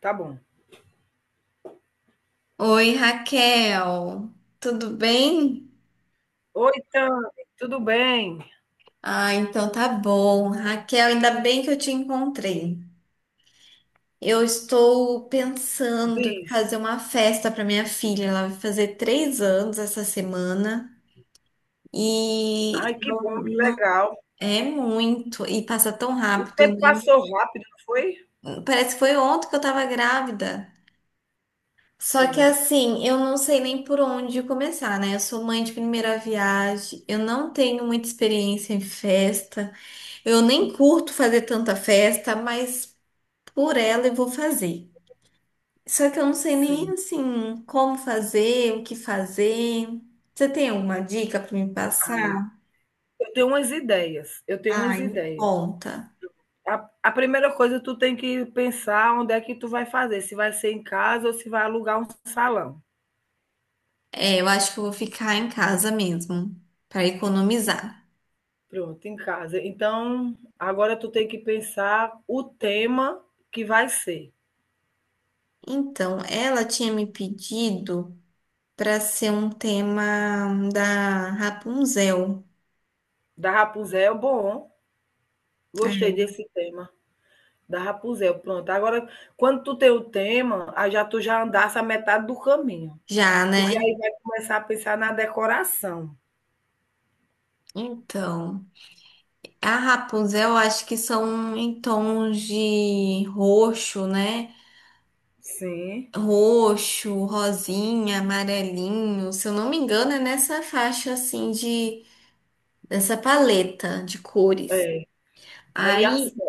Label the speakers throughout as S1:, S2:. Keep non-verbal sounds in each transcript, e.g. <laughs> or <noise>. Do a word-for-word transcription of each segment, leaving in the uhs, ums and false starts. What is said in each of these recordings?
S1: Tá bom.
S2: Oi, Raquel. Tudo bem?
S1: Oi, Tami, tudo bem?
S2: Ah, então tá bom. Raquel, ainda bem que eu te encontrei. Eu estou pensando em
S1: Diz.
S2: fazer uma festa para minha filha. Ela vai fazer três anos essa semana. E
S1: Ai, que
S2: eu
S1: bom, que
S2: não
S1: legal.
S2: é muito. E passa tão
S1: O
S2: rápido,
S1: tempo
S2: né?
S1: passou rápido, não foi?
S2: Parece que foi ontem que eu tava grávida. Só que
S1: Sim,
S2: assim, eu não sei nem por onde começar, né? Eu sou mãe de primeira viagem, eu não tenho muita experiência em festa. Eu nem curto fazer tanta festa, mas por ela eu vou fazer. Só que eu não sei nem
S1: sim.
S2: assim como fazer, o que fazer. Você tem alguma dica para me
S1: Ai,
S2: passar?
S1: eu tenho umas ideias, eu tenho umas
S2: Ai, me
S1: ideias.
S2: conta.
S1: A, a primeira coisa, tu tem que pensar onde é que tu vai fazer, se vai ser em casa ou se vai alugar um salão.
S2: É, eu acho que eu vou ficar em casa mesmo para economizar.
S1: Pronto, em casa. Então, agora tu tem que pensar o tema que vai ser.
S2: Então, ela tinha me pedido para ser um tema da Rapunzel.
S1: Da Rapunzel, é bom, gostei desse tema. Da Rapunzel, pronto. Agora, quando tu tem o tema, aí já tu já andasse a metade do caminho,
S2: Já,
S1: porque aí
S2: né?
S1: vai começar a pensar na decoração.
S2: Então. A Rapunzel, eu acho que são em tons de roxo, né?
S1: Sim,
S2: Roxo, rosinha, amarelinho. Se eu não me engano, é nessa faixa assim de dessa paleta de cores.
S1: é. Aí
S2: Aí,
S1: assim,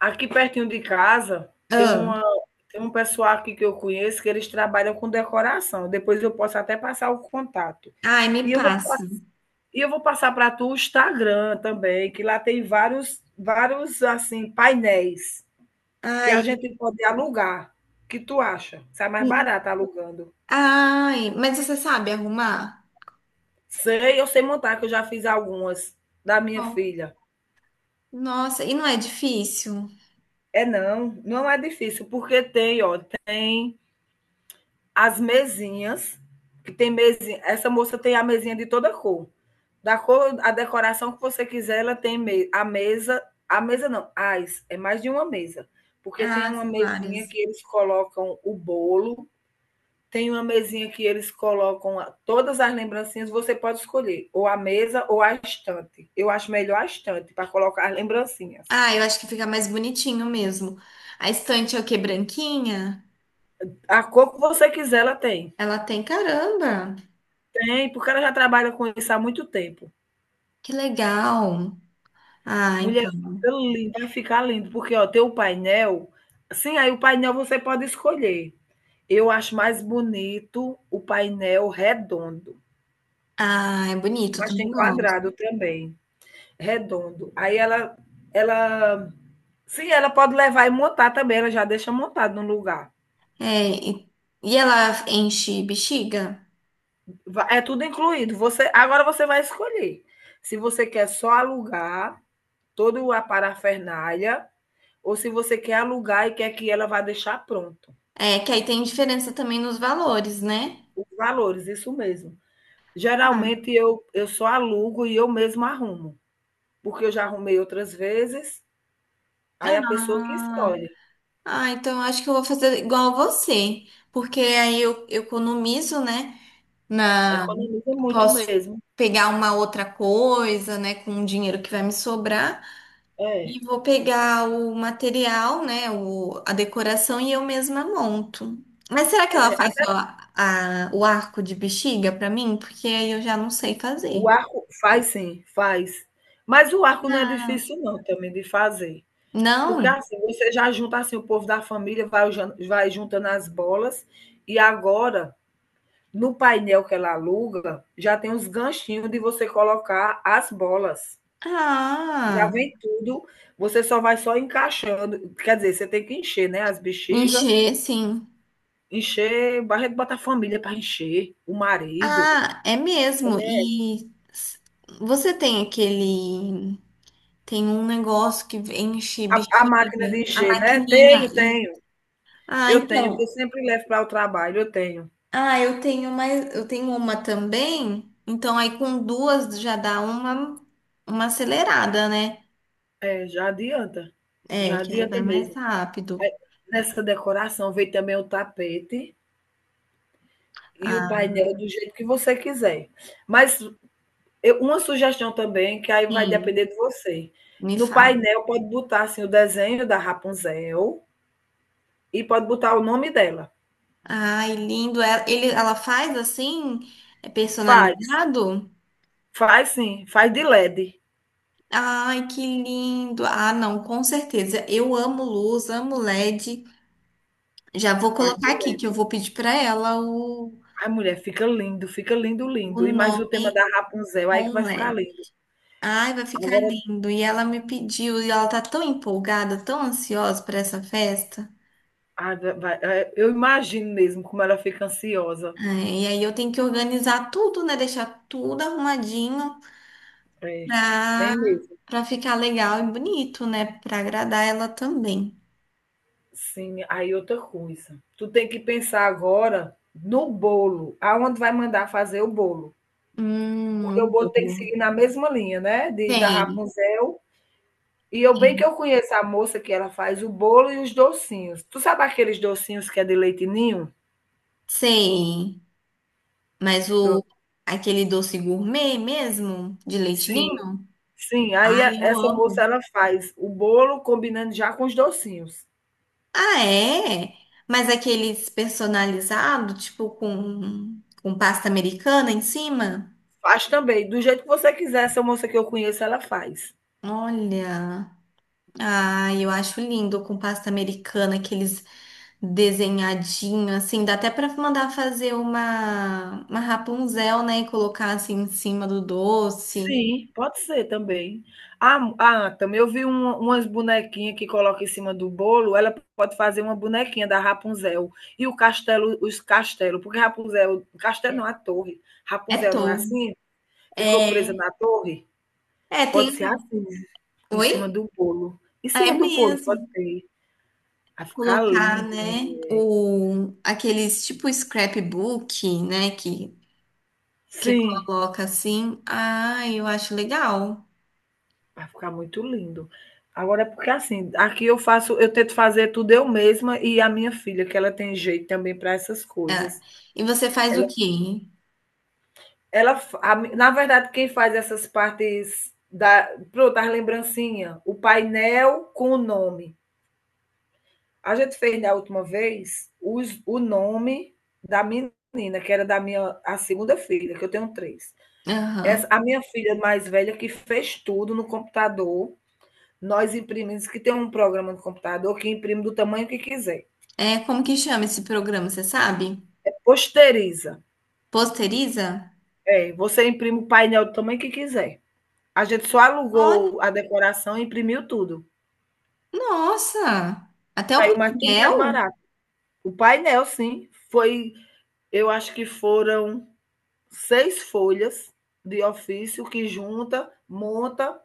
S1: aqui pertinho de casa tem
S2: ah,
S1: uma tem um pessoal aqui que eu conheço que eles trabalham com decoração. Depois eu posso até passar o contato.
S2: ai, me
S1: E eu vou
S2: passa.
S1: pass- e eu vou passar para tu o Instagram também, que lá tem vários vários assim painéis que a
S2: Ai,
S1: gente pode alugar. O que tu acha? Sai mais
S2: hum,
S1: barato alugando.
S2: ai, mas você sabe arrumar?
S1: Sei, eu sei montar, que eu já fiz algumas da minha
S2: Ó,
S1: filha.
S2: nossa, e não é difícil?
S1: É não, não é difícil, porque tem, ó, tem as mesinhas, que tem mesinha. Essa moça tem a mesinha de toda cor. Da cor, a decoração que você quiser, ela tem me a mesa. A mesa não, as, é mais de uma mesa. Porque tem
S2: Ah,
S1: uma
S2: são
S1: mesinha
S2: várias.
S1: que eles colocam o bolo, tem uma mesinha que eles colocam todas as lembrancinhas, você pode escolher, ou a mesa ou a estante. Eu acho melhor a estante para colocar as lembrancinhas.
S2: Ah, eu acho que fica mais bonitinho mesmo. A estante é o quê? Branquinha?
S1: A cor que você quiser, ela tem.
S2: Ela tem caramba.
S1: Tem, porque ela já trabalha com isso há muito tempo.
S2: Que legal. Ah,
S1: Mulher,
S2: então.
S1: fica lindo, vai ficar lindo, porque ó, tem o painel. Sim, aí o painel você pode escolher. Eu acho mais bonito o painel redondo,
S2: Ah, é bonito, eu
S1: mas tem
S2: também gosto.
S1: quadrado também, redondo. Aí ela ela sim, ela pode levar e montar também, ela já deixa montado no lugar.
S2: É, e, e ela enche bexiga?
S1: Va- É tudo incluído. Você agora você vai escolher se você quer só alugar toda a parafernália ou se você quer alugar e quer que ela vá deixar pronto.
S2: É, que aí tem diferença também nos valores, né?
S1: Os valores, isso mesmo.
S2: Ah,
S1: Geralmente eu eu só alugo e eu mesma arrumo, porque eu já arrumei outras vezes, aí a pessoa que
S2: ah,
S1: escolhe.
S2: ah, então eu acho que eu vou fazer igual a você, porque aí eu, eu economizo, né? Na,
S1: Economiza muito
S2: posso
S1: mesmo.
S2: pegar uma outra coisa, né? Com o dinheiro que vai me sobrar. E
S1: É.
S2: vou pegar o material, né, o, a decoração e eu mesma monto. Mas será que ela
S1: É,
S2: faz só a- o arco de bexiga pra mim? Porque aí eu já não sei
S1: o
S2: fazer.
S1: arco faz sim, faz. Mas o arco não é
S2: Ah,
S1: difícil não também de fazer, porque
S2: não?
S1: assim, você já junta assim o povo da família, vai jan- vai juntando as bolas, e agora no painel que ela aluga, já tem uns ganchinhos de você colocar as bolas. Já
S2: Ah,
S1: vem tudo, você só vai só encaixando, quer dizer, você tem que encher, né, as bexigas
S2: encher, sim.
S1: encher, Barreto bota a família para encher, o marido,
S2: Ah, é mesmo. E s- você tem aquele, tem um negócio que enche
S1: a a máquina de
S2: bexiga, a
S1: encher, né?
S2: maquininha
S1: Tenho,
S2: e
S1: tenho.
S2: ah,
S1: Eu tenho, que eu
S2: então.
S1: sempre levo para o trabalho, eu tenho.
S2: Ah, eu tenho mais, eu tenho uma também. Então aí com duas já dá uma uma acelerada, né?
S1: É, já adianta.
S2: É,
S1: Já
S2: que aí
S1: adianta
S2: vai mais
S1: mesmo.
S2: rápido.
S1: Nessa decoração veio também o tapete e o
S2: Ah,
S1: painel do jeito que você quiser. Mas eu- uma sugestão também, que aí vai
S2: sim,
S1: depender de você.
S2: me
S1: No
S2: fala.
S1: painel pode botar assim o desenho da Rapunzel e pode botar o nome dela.
S2: Ai, lindo. Ela- Ele, ela faz assim, é
S1: Faz,
S2: personalizado?
S1: faz sim, faz de L E D.
S2: Ai, que lindo. Ah, não, com certeza. Eu amo luz, amo L E D. Já vou
S1: Faz de
S2: colocar aqui que eu
S1: L E D.
S2: vou pedir para ela o
S1: Ai, mulher, fica lindo, fica lindo,
S2: o
S1: lindo. E mais o
S2: nome
S1: tema da Rapunzel aí que vai
S2: com
S1: ficar
S2: L E D.
S1: lindo.
S2: Ai, vai ficar
S1: Agora
S2: lindo. E ela me pediu, e ela tá tão empolgada, tão ansiosa para essa festa.
S1: ah, vai, é, eu imagino mesmo como ela fica ansiosa.
S2: Ai, e aí eu tenho que organizar tudo, né? Deixar tudo arrumadinho
S1: É,
S2: pra,
S1: tem mesmo.
S2: pra ficar legal e bonito, né? Pra agradar ela também.
S1: Sim, aí outra coisa. Tu tem que pensar agora no bolo, aonde vai mandar fazer o bolo.
S2: Hum,
S1: Porque
S2: o
S1: o bolo tem que
S2: bolo.
S1: seguir na mesma linha, né? De, da
S2: Tem,
S1: Rapunzel. E eu bem que
S2: tem.
S1: eu conheço a moça que ela faz o bolo e os docinhos. Tu sabe aqueles docinhos que é de leite ninho?
S2: Sei. Mas o
S1: Pronto.
S2: aquele doce gourmet mesmo, de leite
S1: Sim,
S2: ninho,
S1: sim. Aí
S2: ai,
S1: a-
S2: eu
S1: essa moça
S2: amo.
S1: ela faz o bolo combinando já com os docinhos.
S2: Ah, é? Mas aqueles personalizados, tipo com, com pasta americana em cima?
S1: Faz também. Do jeito que você quiser, essa moça que eu conheço, ela faz.
S2: Olha. Ah, eu acho lindo com pasta americana, aqueles desenhadinhos, assim. Dá até pra mandar fazer uma, uma Rapunzel, né? E colocar assim em cima do doce.
S1: Sim. Pode ser também. Ah, ah também eu vi um- umas bonequinhas que coloca em cima do bolo. Ela pode fazer uma bonequinha da Rapunzel. E o castelo, os castelos, porque Rapunzel, castelo não, a torre.
S2: É
S1: Rapunzel não é
S2: touca.
S1: assim? Ficou presa
S2: É.
S1: na torre?
S2: É, tem.
S1: Pode ser
S2: Um,
S1: assim, em cima
S2: oi?
S1: do bolo. Em
S2: Ah, é
S1: cima do bolo, pode
S2: mesmo.
S1: ter. Vai ficar
S2: Colocar,
S1: lindo.
S2: né, o, aqueles tipo scrapbook, né, que que
S1: Sim.
S2: coloca assim. Ah, eu acho legal.
S1: Vai ficar muito lindo. Agora, porque assim, aqui eu faço, eu tento fazer tudo eu mesma e a minha filha, que ela tem jeito também para essas
S2: É.
S1: coisas.
S2: E você faz
S1: Ela,
S2: o quê?
S1: ela, fa- a mi- Na verdade, quem faz essas partes da, pronto, as lembrancinhas, o painel com o nome. A gente fez da última vez os, o nome da menina, que era da minha, a segunda filha, que eu tenho três. Essa,
S2: Aham.
S1: a minha filha mais velha que fez tudo no computador. Nós imprimimos, que tem um programa no computador que imprime do tamanho que quiser.
S2: É, como que chama esse programa, você sabe?
S1: Posteriza.
S2: Posteriza?
S1: É, você imprime o painel do tamanho que quiser. A gente só
S2: Olha,
S1: alugou a decoração e imprimiu tudo.
S2: nossa! Até o
S1: Saiu mais tudo mais
S2: painel?
S1: barato. O painel, sim, foi, eu acho que foram seis folhas de ofício que junta, monta,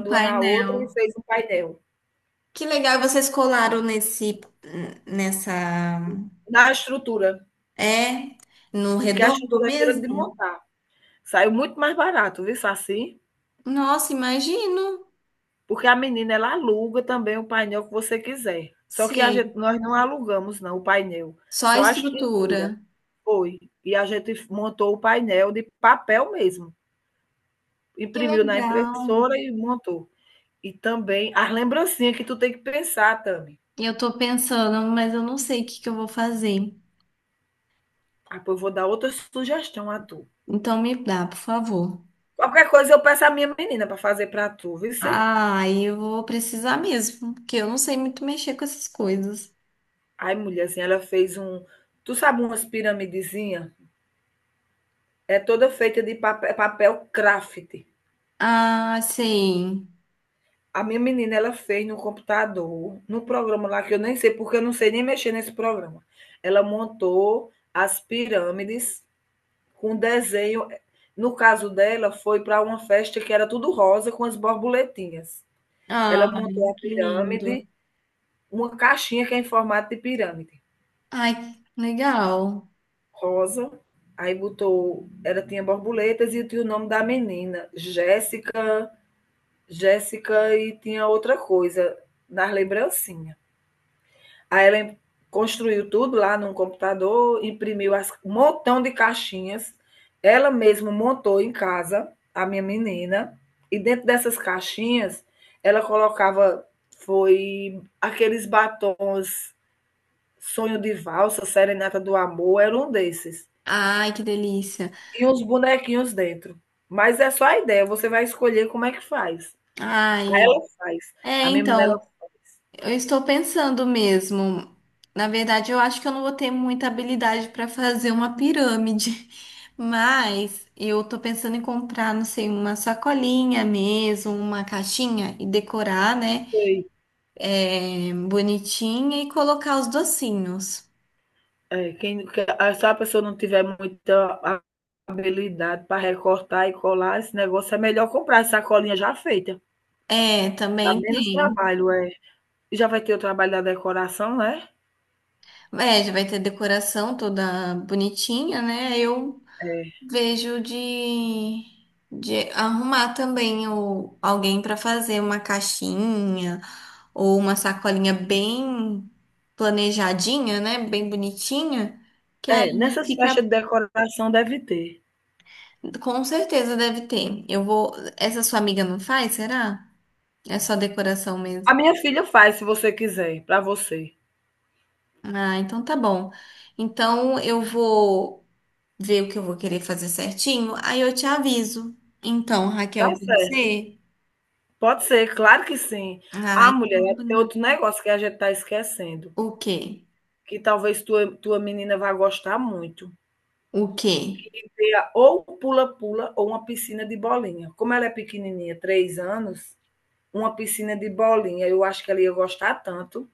S2: O
S1: uma na outra
S2: painel.
S1: e fez um painel.
S2: Que legal, e vocês colaram nesse, nessa,
S1: Na estrutura,
S2: é, no
S1: que é a
S2: redondo
S1: estrutura é de
S2: mesmo?
S1: montar. Saiu muito mais barato, viu, Saci?
S2: Nossa, imagino.
S1: Porque a menina ela aluga também o painel que você quiser. Só que a gente
S2: Sim,
S1: nós não alugamos não o painel,
S2: só a
S1: só a estrutura.
S2: estrutura.
S1: Foi. E a gente montou o painel de papel mesmo,
S2: Que
S1: imprimiu na
S2: legal.
S1: impressora e montou. E também as lembrancinhas que tu tem que pensar, Tami.
S2: Eu tô pensando, mas eu não sei o que que eu vou fazer.
S1: Ah, pô, eu vou dar outra sugestão a tu.
S2: Então me dá, por favor.
S1: Qualquer coisa eu peço à minha menina para fazer para tu, viu? Cê?
S2: Ah, aí eu vou precisar mesmo, porque eu não sei muito mexer com essas coisas.
S1: Aí, mulherzinha, ela fez um. Tu sabe umas piramidezinhas? É toda feita de papel, papel craft.
S2: Ah, sim.
S1: A minha menina, ela fez no computador, no programa lá que eu nem sei, porque eu não sei nem mexer nesse programa. Ela montou as pirâmides com desenho. No caso dela, foi para uma festa que era tudo rosa com as borboletinhas. Ela montou
S2: Ai,
S1: a
S2: que
S1: pirâmide,
S2: lindo.
S1: uma caixinha que é em formato de pirâmide,
S2: Ai, legal.
S1: rosa. Aí botou, ela tinha borboletas e tinha o nome da menina, Jéssica, Jéssica, e tinha outra coisa nas lembrancinhas. A Ellen construiu tudo lá num computador, imprimiu as, um montão de caixinhas. Ela mesma montou em casa, a minha menina, e dentro dessas caixinhas ela colocava foi aqueles batons Sonho de Valsa, Serenata do Amor, era um desses.
S2: Ai, que delícia.
S1: E uns bonequinhos dentro. Mas é só a ideia, você vai escolher como é que faz. Aí ela
S2: Ai,
S1: faz.
S2: é,
S1: A minha menina
S2: então, eu estou pensando mesmo. Na verdade, eu acho que eu não vou ter muita habilidade para fazer uma pirâmide, <laughs> mas eu tô pensando em comprar, não sei, uma sacolinha mesmo, uma caixinha e decorar, né?
S1: fez
S2: É, bonitinha e colocar os docinhos.
S1: é, quem, que- ah, se a pessoa não tiver muita a- habilidade para recortar e colar, esse negócio é melhor comprar essa sacolinha já feita.
S2: É,
S1: Dá
S2: também
S1: menos
S2: tem.
S1: trabalho, é. E já vai ter o trabalho da decoração, né?
S2: É, já vai ter decoração toda bonitinha, né? Eu vejo de, de arrumar também o, alguém para fazer uma caixinha ou uma sacolinha bem planejadinha, né? Bem bonitinha, que
S1: É. É,
S2: aí
S1: nessas
S2: fica.
S1: festas de decoração deve ter.
S2: Com certeza deve ter. Eu vou. Essa sua amiga não faz, será? É só decoração
S1: A
S2: mesmo.
S1: minha filha faz, se você quiser, para você.
S2: Ah, então tá bom. Então eu vou ver o que eu vou querer fazer certinho, aí eu te aviso. Então,
S1: Tá
S2: Raquel, pode
S1: certo.
S2: ser?
S1: Pode ser, claro que sim.
S2: Ah,
S1: Ah,
S2: então.
S1: mulher, tem outro negócio que a gente tá esquecendo,
S2: O quê?
S1: que talvez tua, tua menina vá gostar muito.
S2: O quê?
S1: Ter ou pula-pula ou uma piscina de bolinha. Como ela é pequenininha, três anos, uma piscina de bolinha, eu acho que ela ia gostar tanto.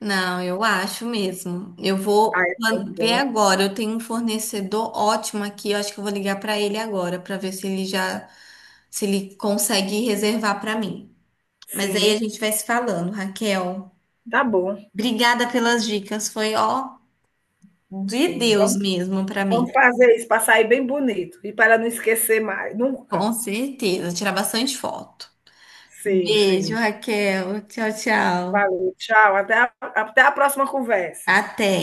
S2: Não, eu acho mesmo. Eu
S1: Ah,
S2: vou
S1: é
S2: plan-
S1: tão
S2: ver
S1: bom.
S2: agora. Eu tenho um fornecedor ótimo aqui. Eu acho que eu vou ligar para ele agora para ver se ele já se ele consegue reservar para mim. Mas aí a
S1: Sim,
S2: gente vai se falando, Raquel.
S1: tá bom.
S2: Obrigada pelas dicas. Foi ó de
S1: Sim,
S2: Deus
S1: vamos,
S2: mesmo para mim.
S1: vamos fazer isso para sair bem bonito e para não esquecer mais, nunca.
S2: Com certeza, tirar bastante foto.
S1: Sim,
S2: Beijo,
S1: sim.
S2: Raquel. Tchau, tchau.
S1: Valeu, tchau. Até a- até a próxima conversa.
S2: Até.